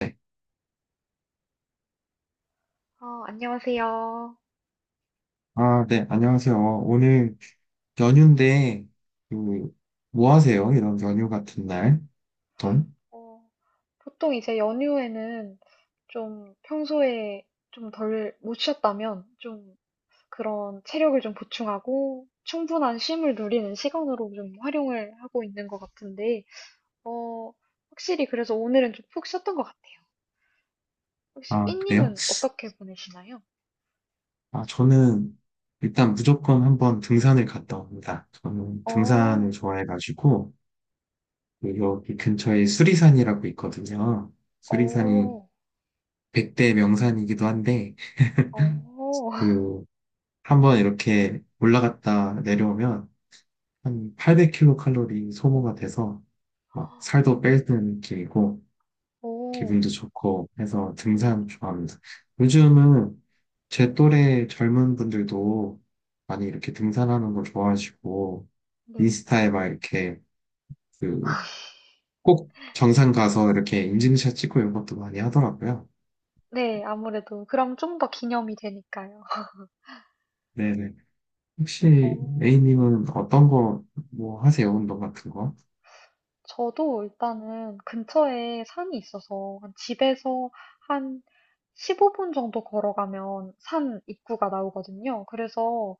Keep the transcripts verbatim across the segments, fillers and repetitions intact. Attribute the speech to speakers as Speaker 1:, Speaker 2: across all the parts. Speaker 1: 네.
Speaker 2: 어, 안녕하세요.
Speaker 1: 아, 네, 안녕하세요. 오늘 연휴인데, 그, 뭐 하세요? 이런 연휴 같은 날. 어떤?
Speaker 2: 어, 보통 이제 연휴에는 좀 평소에 좀 덜 못 쉬었다면 좀 그런 체력을 좀 보충하고 충분한 쉼을 누리는 시간으로 좀 활용을 하고 있는 것 같은데, 어, 확실히 그래서 오늘은 좀 푹 쉬었던 것 같아요. 혹시
Speaker 1: 아, 그래요?
Speaker 2: 삐님은 어떻게 보내시나요?
Speaker 1: 아, 저는 일단 무조건 한번 등산을 갔다 옵니다. 저는 등산을
Speaker 2: 어,
Speaker 1: 좋아해가지고, 그 여기 근처에 수리산이라고 있거든요. 수리산이
Speaker 2: 어,
Speaker 1: 백 대 명산이기도 한데,
Speaker 2: 어,
Speaker 1: 그, 한번 이렇게 올라갔다 내려오면 한 팔백 킬로칼로리 소모가 돼서 막 살도 빼는 길이고,
Speaker 2: 오,
Speaker 1: 기분도 좋고 해서
Speaker 2: 네,
Speaker 1: 등산 좋아합니다. 요즘은 제 또래 젊은 분들도 많이 이렇게 등산하는 걸 좋아하시고
Speaker 2: 네,
Speaker 1: 인스타에 막 이렇게 그 꼭 정상
Speaker 2: 네,
Speaker 1: 가서 이렇게 인증샷 찍고 이런 것도 많이 하더라고요.
Speaker 2: 네, 아무래도 그럼 좀 더 기념이 되니까요.
Speaker 1: 네네.
Speaker 2: 어.
Speaker 1: 혹시 A님은 어떤 거 뭐 하세요? 운동 같은 거?
Speaker 2: 저도 일단은 근처에 산이 있어서 한 집에서 한 십오 분 정도 걸어가면 산 입구가 나오거든요. 그래서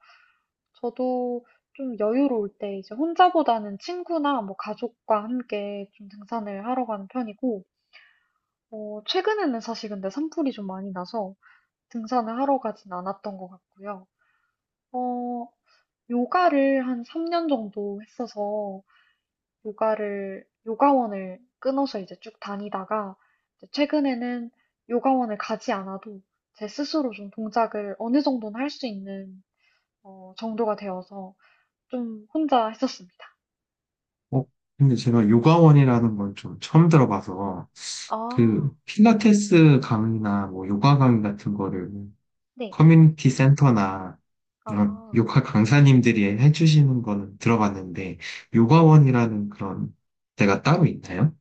Speaker 2: 저도 좀 여유로울 때 이제 혼자보다는 친구나 뭐 가족과 함께 좀 등산을 하러 가는 편이고, 어, 최근에는 사실 근데 산불이 좀 많이 나서 등산을 하러 가진 않았던 것 같고요. 어, 요가를 한 삼 년 정도 했어서 요가를 요가원을 끊어서 이제 쭉 다니다가 이제 최근에는 요가원을 가지 않아도 제 스스로 좀 동작을 어느 정도는 할 수 있는 어, 정도가 되어서 좀 혼자 했었습니다.
Speaker 1: 어, 근데 제가 요가원이라는 건 좀 처음 들어봐서
Speaker 2: 아,
Speaker 1: 그 필라테스 강의나 뭐 요가 강의 같은 거를
Speaker 2: 네.
Speaker 1: 커뮤니티 센터나 이런
Speaker 2: 아,
Speaker 1: 요가 강사님들이 해주시는 거는 들어봤는데,
Speaker 2: 네.
Speaker 1: 요가원이라는 그런 데가 따로 있나요?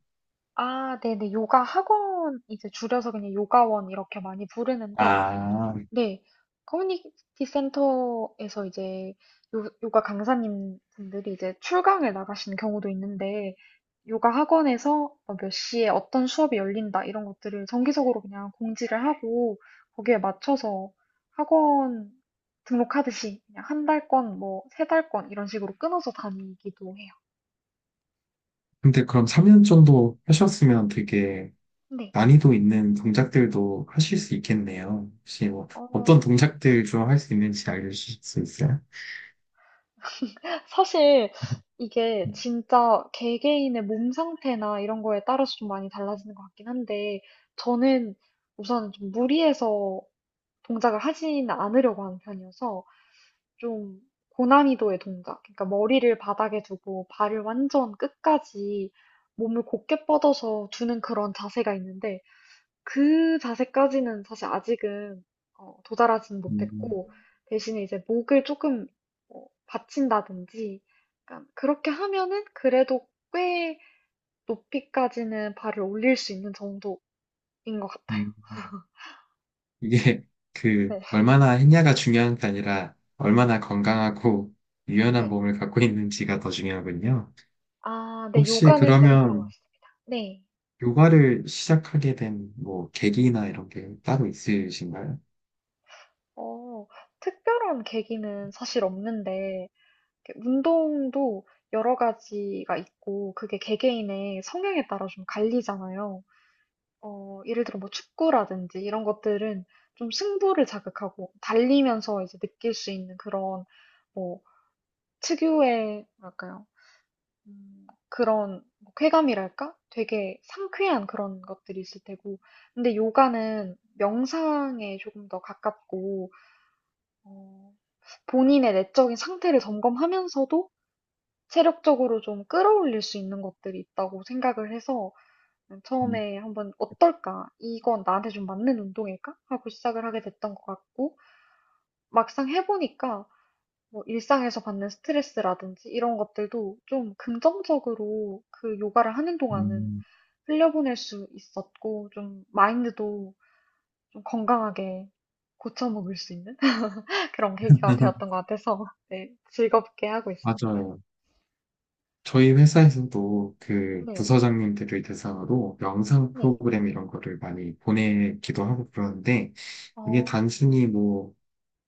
Speaker 2: 아, 네네. 요가 학원 이제 줄여서 그냥 요가원 이렇게 많이 부르는데
Speaker 1: 아,
Speaker 2: 네. 커뮤니티 센터에서 이제 요, 요가 강사님 분들이 이제 출강을 나가시는 경우도 있는데, 요가 학원에서 뭐몇 시에 어떤 수업이 열린다, 이런 것들을 정기적으로 그냥 공지를 하고, 거기에 맞춰서 학원 등록하듯이 그냥 한 달권, 뭐, 세 달권, 이런 식으로 끊어서 다니기도 해요.
Speaker 1: 근데 그럼 삼 년 정도 하셨으면 되게
Speaker 2: 네.
Speaker 1: 난이도 있는 동작들도 하실 수 있겠네요. 혹시 뭐 어떤
Speaker 2: 어,
Speaker 1: 동작들 좀 할 수 있는지 알려주실 수 있어요?
Speaker 2: 사실 이게 진짜 개개인의 몸 상태나 이런 거에 따라서 좀 많이 달라지는 것 같긴 한데, 저는 우선 좀 무리해서 동작을 하지는 않으려고 하는 편이어서 좀 고난이도의 동작, 그러니까 머리를 바닥에 두고 발을 완전 끝까지 몸을 곧게 뻗어서 두는 그런 자세가 있는데, 그 자세까지는 사실 아직은 어, 도달하지는
Speaker 1: 음,
Speaker 2: 못했고, 대신에 이제 목을 조금 어, 받친다든지, 약간 그렇게 하면은 그래도 꽤 높이까지는 발을 올릴 수 있는 정도인 것 같아요.
Speaker 1: 음. 이게 그
Speaker 2: 네.
Speaker 1: 얼마나 했냐가 중요한 게 아니라 얼마나 건강하고 유연한
Speaker 2: 네.
Speaker 1: 몸을 갖고 있는지가 더 중요하군요.
Speaker 2: 아, 네.
Speaker 1: 혹시
Speaker 2: 요가는 좀 그런 것
Speaker 1: 그러면
Speaker 2: 같습니다. 네.
Speaker 1: 요가를 시작하게 된 뭐 계기나 이런 게 따로 있으신가요?
Speaker 2: 어, 특별한 계기는 사실 없는데, 이렇게 운동도 여러 가지가 있고, 그게 개개인의 성향에 따라 좀 갈리잖아요. 어, 예를 들어 뭐 축구라든지 이런 것들은 좀 승부를 자극하고 달리면서 이제 느낄 수 있는 그런 뭐 특유의 뭐랄까요? 음, 그런 뭐 쾌감이랄까? 되게 상쾌한 그런 것들이 있을 테고. 근데 요가는 명상에 조금 더 가깝고 어, 본인의 내적인 상태를 점검하면서도 체력적으로 좀 끌어올릴 수 있는 것들이 있다고 생각을 해서
Speaker 1: 음,
Speaker 2: 처음에 한번 어떨까? 이건 나한테 좀 맞는 운동일까? 하고 시작을 하게 됐던 것 같고, 막상 해보니까 뭐 일상에서 받는 스트레스라든지 이런 것들도 좀 긍정적으로 그 요가를 하는 동안은
Speaker 1: 음.
Speaker 2: 흘려보낼 수 있었고, 좀 마인드도 좀 건강하게 고쳐먹을 수 있는 그런 계기가 되었던 것 같아서, 네, 즐겁게 하고 있습니다.
Speaker 1: 맞아요. 저희 회사에서도 그
Speaker 2: 네,
Speaker 1: 부서장님들을 대상으로 명상
Speaker 2: 네,
Speaker 1: 프로그램 이런 거를 많이 보내기도 하고 그러는데 이게
Speaker 2: 어,
Speaker 1: 단순히 뭐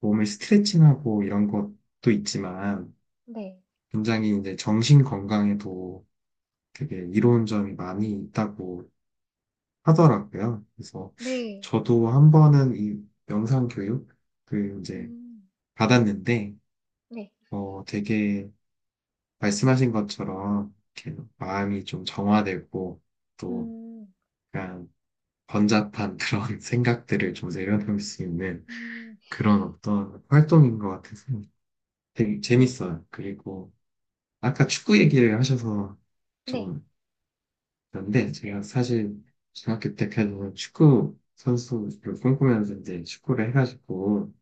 Speaker 1: 몸을 스트레칭하고 이런 것도 있지만
Speaker 2: 네,
Speaker 1: 굉장히 이제 정신 건강에도 되게 이로운 점이 많이 있다고 하더라고요. 그래서
Speaker 2: 네,
Speaker 1: 저도 한 번은 이 명상 교육 그 이제
Speaker 2: 음,
Speaker 1: 받았는데
Speaker 2: 네,
Speaker 1: 어 되게 말씀하신 것처럼 이렇게 마음이 좀 정화되고 또
Speaker 2: 음,
Speaker 1: 약간 번잡한 그런 생각들을 좀 내려놓을 수 있는
Speaker 2: 음.
Speaker 1: 그런 어떤 활동인 것 같아서 되게
Speaker 2: 네.
Speaker 1: 재밌어요. 그리고 아까 축구 얘기를 하셔서
Speaker 2: 네.
Speaker 1: 좀 그런데 제가 사실 중학교 때까지는 축구 선수를 꿈꾸면서 이제 축구를 해가지고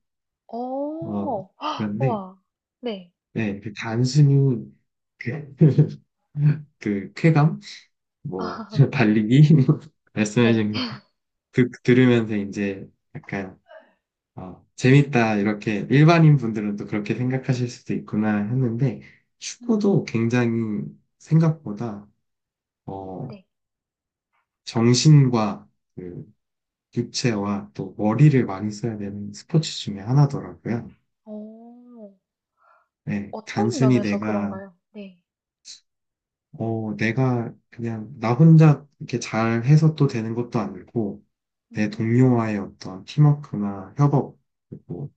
Speaker 1: 어,
Speaker 2: 어.
Speaker 1: 그런데,
Speaker 2: 우와. 네.
Speaker 1: 네, 그 단순히, 그, 그 쾌감? 뭐,
Speaker 2: 아,
Speaker 1: 달리기?
Speaker 2: 네.
Speaker 1: 말씀해주신 거 듣, 들으면서 이제 약간, 어, 재밌다, 이렇게 일반인 분들은 또 그렇게 생각하실 수도 있구나 했는데, 축구도
Speaker 2: 음.
Speaker 1: 굉장히 생각보다, 어,
Speaker 2: 네.
Speaker 1: 정신과 그 육체와 또 머리를 많이 써야 되는 스포츠 중에 하나더라고요.
Speaker 2: 어.
Speaker 1: 네,
Speaker 2: 어떤
Speaker 1: 단순히
Speaker 2: 면에서
Speaker 1: 내가
Speaker 2: 그런가요? 네.
Speaker 1: 어, 내가 그냥 나 혼자 이렇게 잘 해서 또 되는 것도 아니고, 내
Speaker 2: 음.
Speaker 1: 동료와의 어떤 팀워크나 협업, 그리고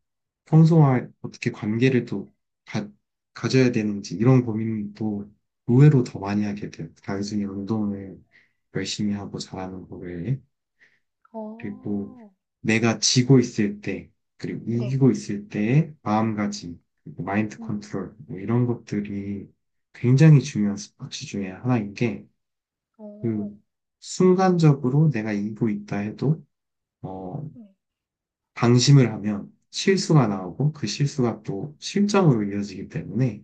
Speaker 1: 평소와 어떻게 관계를 또 가, 가져야 되는지 이런 고민도 의외로 더 많이 하게 돼요. 단순히 운동을 열심히 하고 잘하는 거 외에. 그리고
Speaker 2: 어.
Speaker 1: 내가 지고 있을 때, 그리고
Speaker 2: 네.
Speaker 1: 이기고 있을 때의 마음가짐, 그리고 마인드 컨트롤, 뭐
Speaker 2: 음.
Speaker 1: 이런 것들이 굉장히 중요한 스포츠 중에 하나인 게,
Speaker 2: 어.
Speaker 1: 그 순간적으로 내가 일고 있다 해도 어,
Speaker 2: 네.
Speaker 1: 방심을 하면 실수가 나오고 그 실수가 또
Speaker 2: 음.
Speaker 1: 실점으로 이어지기 때문에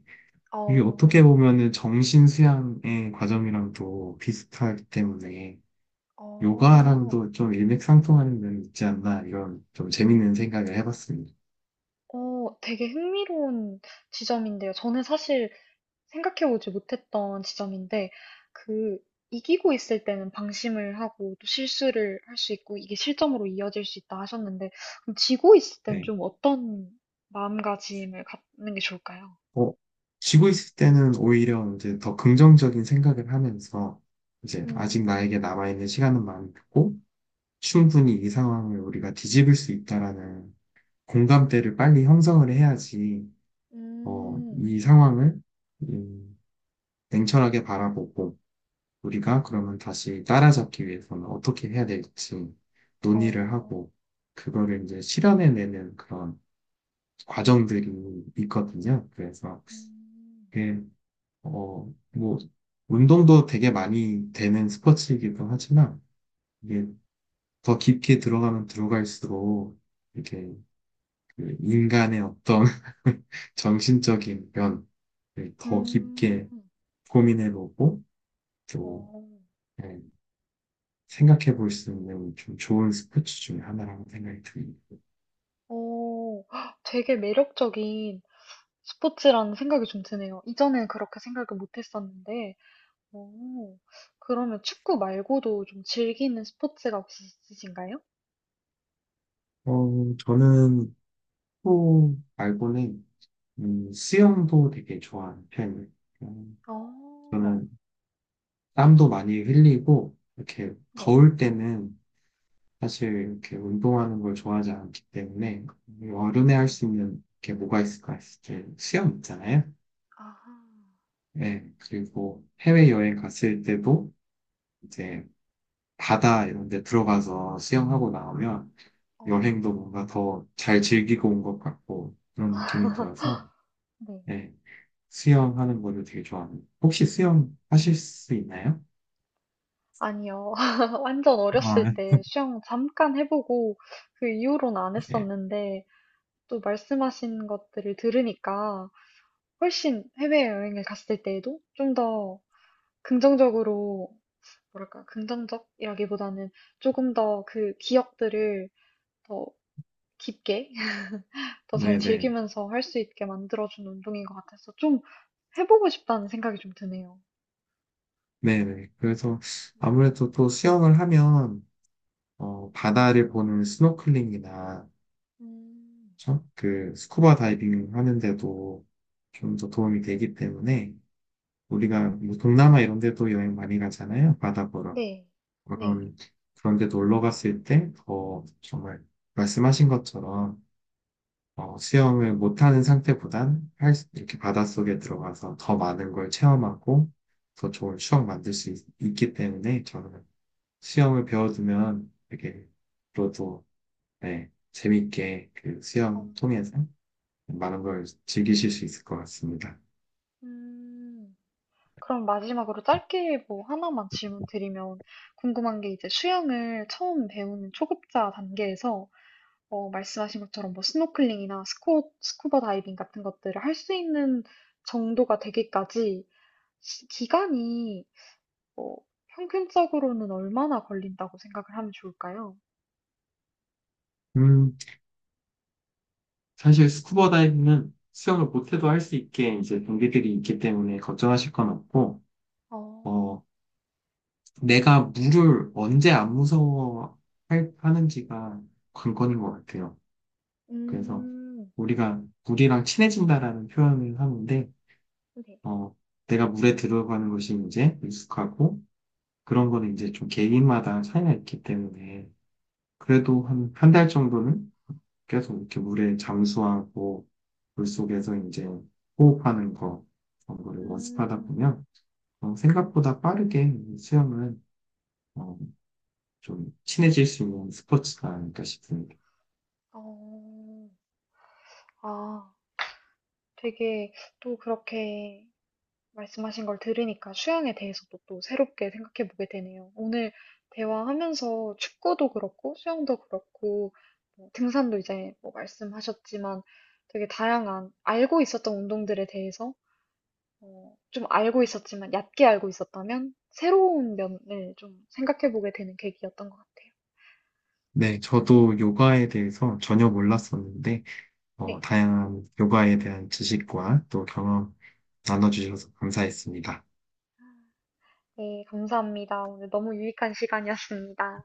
Speaker 1: 이게 어떻게
Speaker 2: 어.
Speaker 1: 보면은 정신 수양의 과정이랑도 비슷하기 때문에
Speaker 2: 어.
Speaker 1: 요가랑도 좀 일맥상통하는 면이 있지 않나 이런 좀 재밌는 생각을 해봤습니다.
Speaker 2: 어, 되게 흥미로운 지점인데요. 저는 사실 생각해보지 못했던 지점인데, 그, 이기고 있을 때는 방심을 하고 또 실수를 할 수 있고 이게 실점으로 이어질 수 있다 하셨는데, 그럼 지고 있을 땐
Speaker 1: 네.
Speaker 2: 좀 어떤 마음가짐을 갖는 게 좋을까요?
Speaker 1: 어, 쉬고 있을 때는 오히려 이제 더 긍정적인 생각을 하면서 이제 아직
Speaker 2: 음,
Speaker 1: 나에게 남아있는 시간은 많고 충분히 이 상황을 우리가 뒤집을 수 있다라는 공감대를 빨리 형성을 해야지, 어,
Speaker 2: 음,
Speaker 1: 이 상황을, 음, 냉철하게 바라보고, 우리가 그러면 다시 따라잡기 위해서는 어떻게 해야 될지 논의를
Speaker 2: 어,
Speaker 1: 하고, 그거를 이제 실현해내는 그런 과정들이 있거든요. 그래서
Speaker 2: 음,
Speaker 1: 그게, 어, 뭐, 운동도 되게 많이 되는 스포츠이기도 하지만, 이게 더 깊게 들어가면 들어갈수록, 이렇게 그 인간의 어떤 정신적인 면을 더
Speaker 2: 음,
Speaker 1: 깊게 고민해보고 또
Speaker 2: 어,
Speaker 1: 예, 생각해볼 수 있는 좀 좋은 스포츠 중에 하나라고 생각이 듭니다.
Speaker 2: 어, 헉, 되게 매력적인 스포츠라는 생각이 좀 드네요. 이전엔 그렇게 생각을 못 했었는데, 오, 그러면 축구 말고도 좀 즐기는 스포츠가 혹시 있으신가요?
Speaker 1: 어, 저는 또 말고는 음, 수영도 되게 좋아하는 편이에요. 음,
Speaker 2: 어,
Speaker 1: 저는 땀도 많이 흘리고 이렇게
Speaker 2: 네.
Speaker 1: 더울 때는 사실 이렇게 운동하는 걸 좋아하지 않기 때문에 여름에 할
Speaker 2: 음,
Speaker 1: 수 있는 게 뭐가 있을까 했을 때 수영 있잖아요.
Speaker 2: 아하.
Speaker 1: 네, 그리고 해외여행 갔을 때도 이제 바다 이런 데 들어가서 수영하고 나오면 여행도
Speaker 2: 어,
Speaker 1: 뭔가 더 잘 즐기고 온 것 같고 그런 느낌이 들어서
Speaker 2: 네.
Speaker 1: 네, 수영하는 거를 되게 좋아합니다. 혹시 수영 하실 수 있나요?
Speaker 2: 아니요. 완전 어렸을
Speaker 1: 아,
Speaker 2: 때 수영 잠깐 해보고 그 이후로는 안
Speaker 1: 네,
Speaker 2: 했었는데 또 말씀하신 것들을 들으니까 훨씬 해외여행을 갔을 때에도 좀 더 긍정적으로, 뭐랄까, 긍정적이라기보다는 조금 더 그 기억들을 더 깊게 더 잘
Speaker 1: 네네.
Speaker 2: 즐기면서 할 수 있게 만들어준 운동인 것 같아서 좀 해보고 싶다는 생각이 좀 드네요.
Speaker 1: 네네. 그래서
Speaker 2: 음.
Speaker 1: 아무래도 또 수영을 하면, 어, 바다를 보는 스노클링이나,
Speaker 2: 음.
Speaker 1: 그쵸? 그, 스쿠버 다이빙 하는데도 좀 더 도움이 되기 때문에, 우리가 뭐 동남아 이런 데도 여행 많이 가잖아요. 바다 보러.
Speaker 2: 네. 네.
Speaker 1: 그런, 그런 데 놀러 갔을 때 더 정말 말씀하신 것처럼 어, 수영을 못하는 상태보단 할, 수- 이렇게
Speaker 2: 음.
Speaker 1: 바닷속에 들어가서 더 많은 걸 체험하고 더 좋은 추억 만들 수 있, 기 때문에 저는 수영을 배워두면 되게 앞으로도 네, 재밌게 그
Speaker 2: 어.
Speaker 1: 수영 통해서 많은 걸 즐기실 수 있을 것 같습니다.
Speaker 2: 음. 그럼 마지막으로 짧게 뭐 하나만 질문 드리면 궁금한 게 이제 수영을 처음 배우는 초급자 단계에서 어 말씀하신 것처럼 뭐 스노클링이나 스쿠 스쿠버 다이빙 같은 것들을 할 수 있는 정도가 되기까지 시 기간이 어, 평균적으로는 얼마나 걸린다고 생각을 하면 좋을까요?
Speaker 1: 음, 사실 스쿠버 다이빙은 수영을 못해도 할 수 있게 이제 동기들이 있기 때문에 걱정하실 건 없고,
Speaker 2: 어,
Speaker 1: 어, 내가 물을 언제 안 무서워 할- 하는지가 관건인 것 같아요. 그래서
Speaker 2: 음,
Speaker 1: 우리가 물이랑 친해진다라는 표현을 하는데,
Speaker 2: 네.
Speaker 1: 어, 내가 물에 들어가는 것이 이제 익숙하고, 그런 거는 이제 좀 개인마다 차이가 있기 때문에,
Speaker 2: 어,
Speaker 1: 그래도 한 한 달 정도는 계속 이렇게 물에 잠수하고 물속에서 이제 호흡하는 거 정도를 연습하다
Speaker 2: 음,
Speaker 1: 보면 어, 생각보다 빠르게 수영은 어, 좀 친해질 수 있는 스포츠가 아닐까 싶습니다.
Speaker 2: 어, 아, 되게 또 그렇게 말씀하신 걸 들으니까 수영에 대해서도 또 새롭게 생각해 보게 되네요. 오늘 대화하면서 축구도 그렇고 수영도 그렇고 뭐 등산도 이제 뭐 말씀하셨지만 되게 다양한 알고 있었던 운동들에 대해서 어, 좀 알고 있었지만, 얕게 알고 있었다면, 새로운 면을 좀 생각해보게 되는 계기였던 것 같아요.
Speaker 1: 네, 저도 요가에 대해서 전혀 몰랐었는데 어,
Speaker 2: 네,
Speaker 1: 다양한 요가에 대한 지식과 또 경험 나눠주셔서 감사했습니다.
Speaker 2: 네, 감사합니다. 오늘 너무 유익한 시간이었습니다.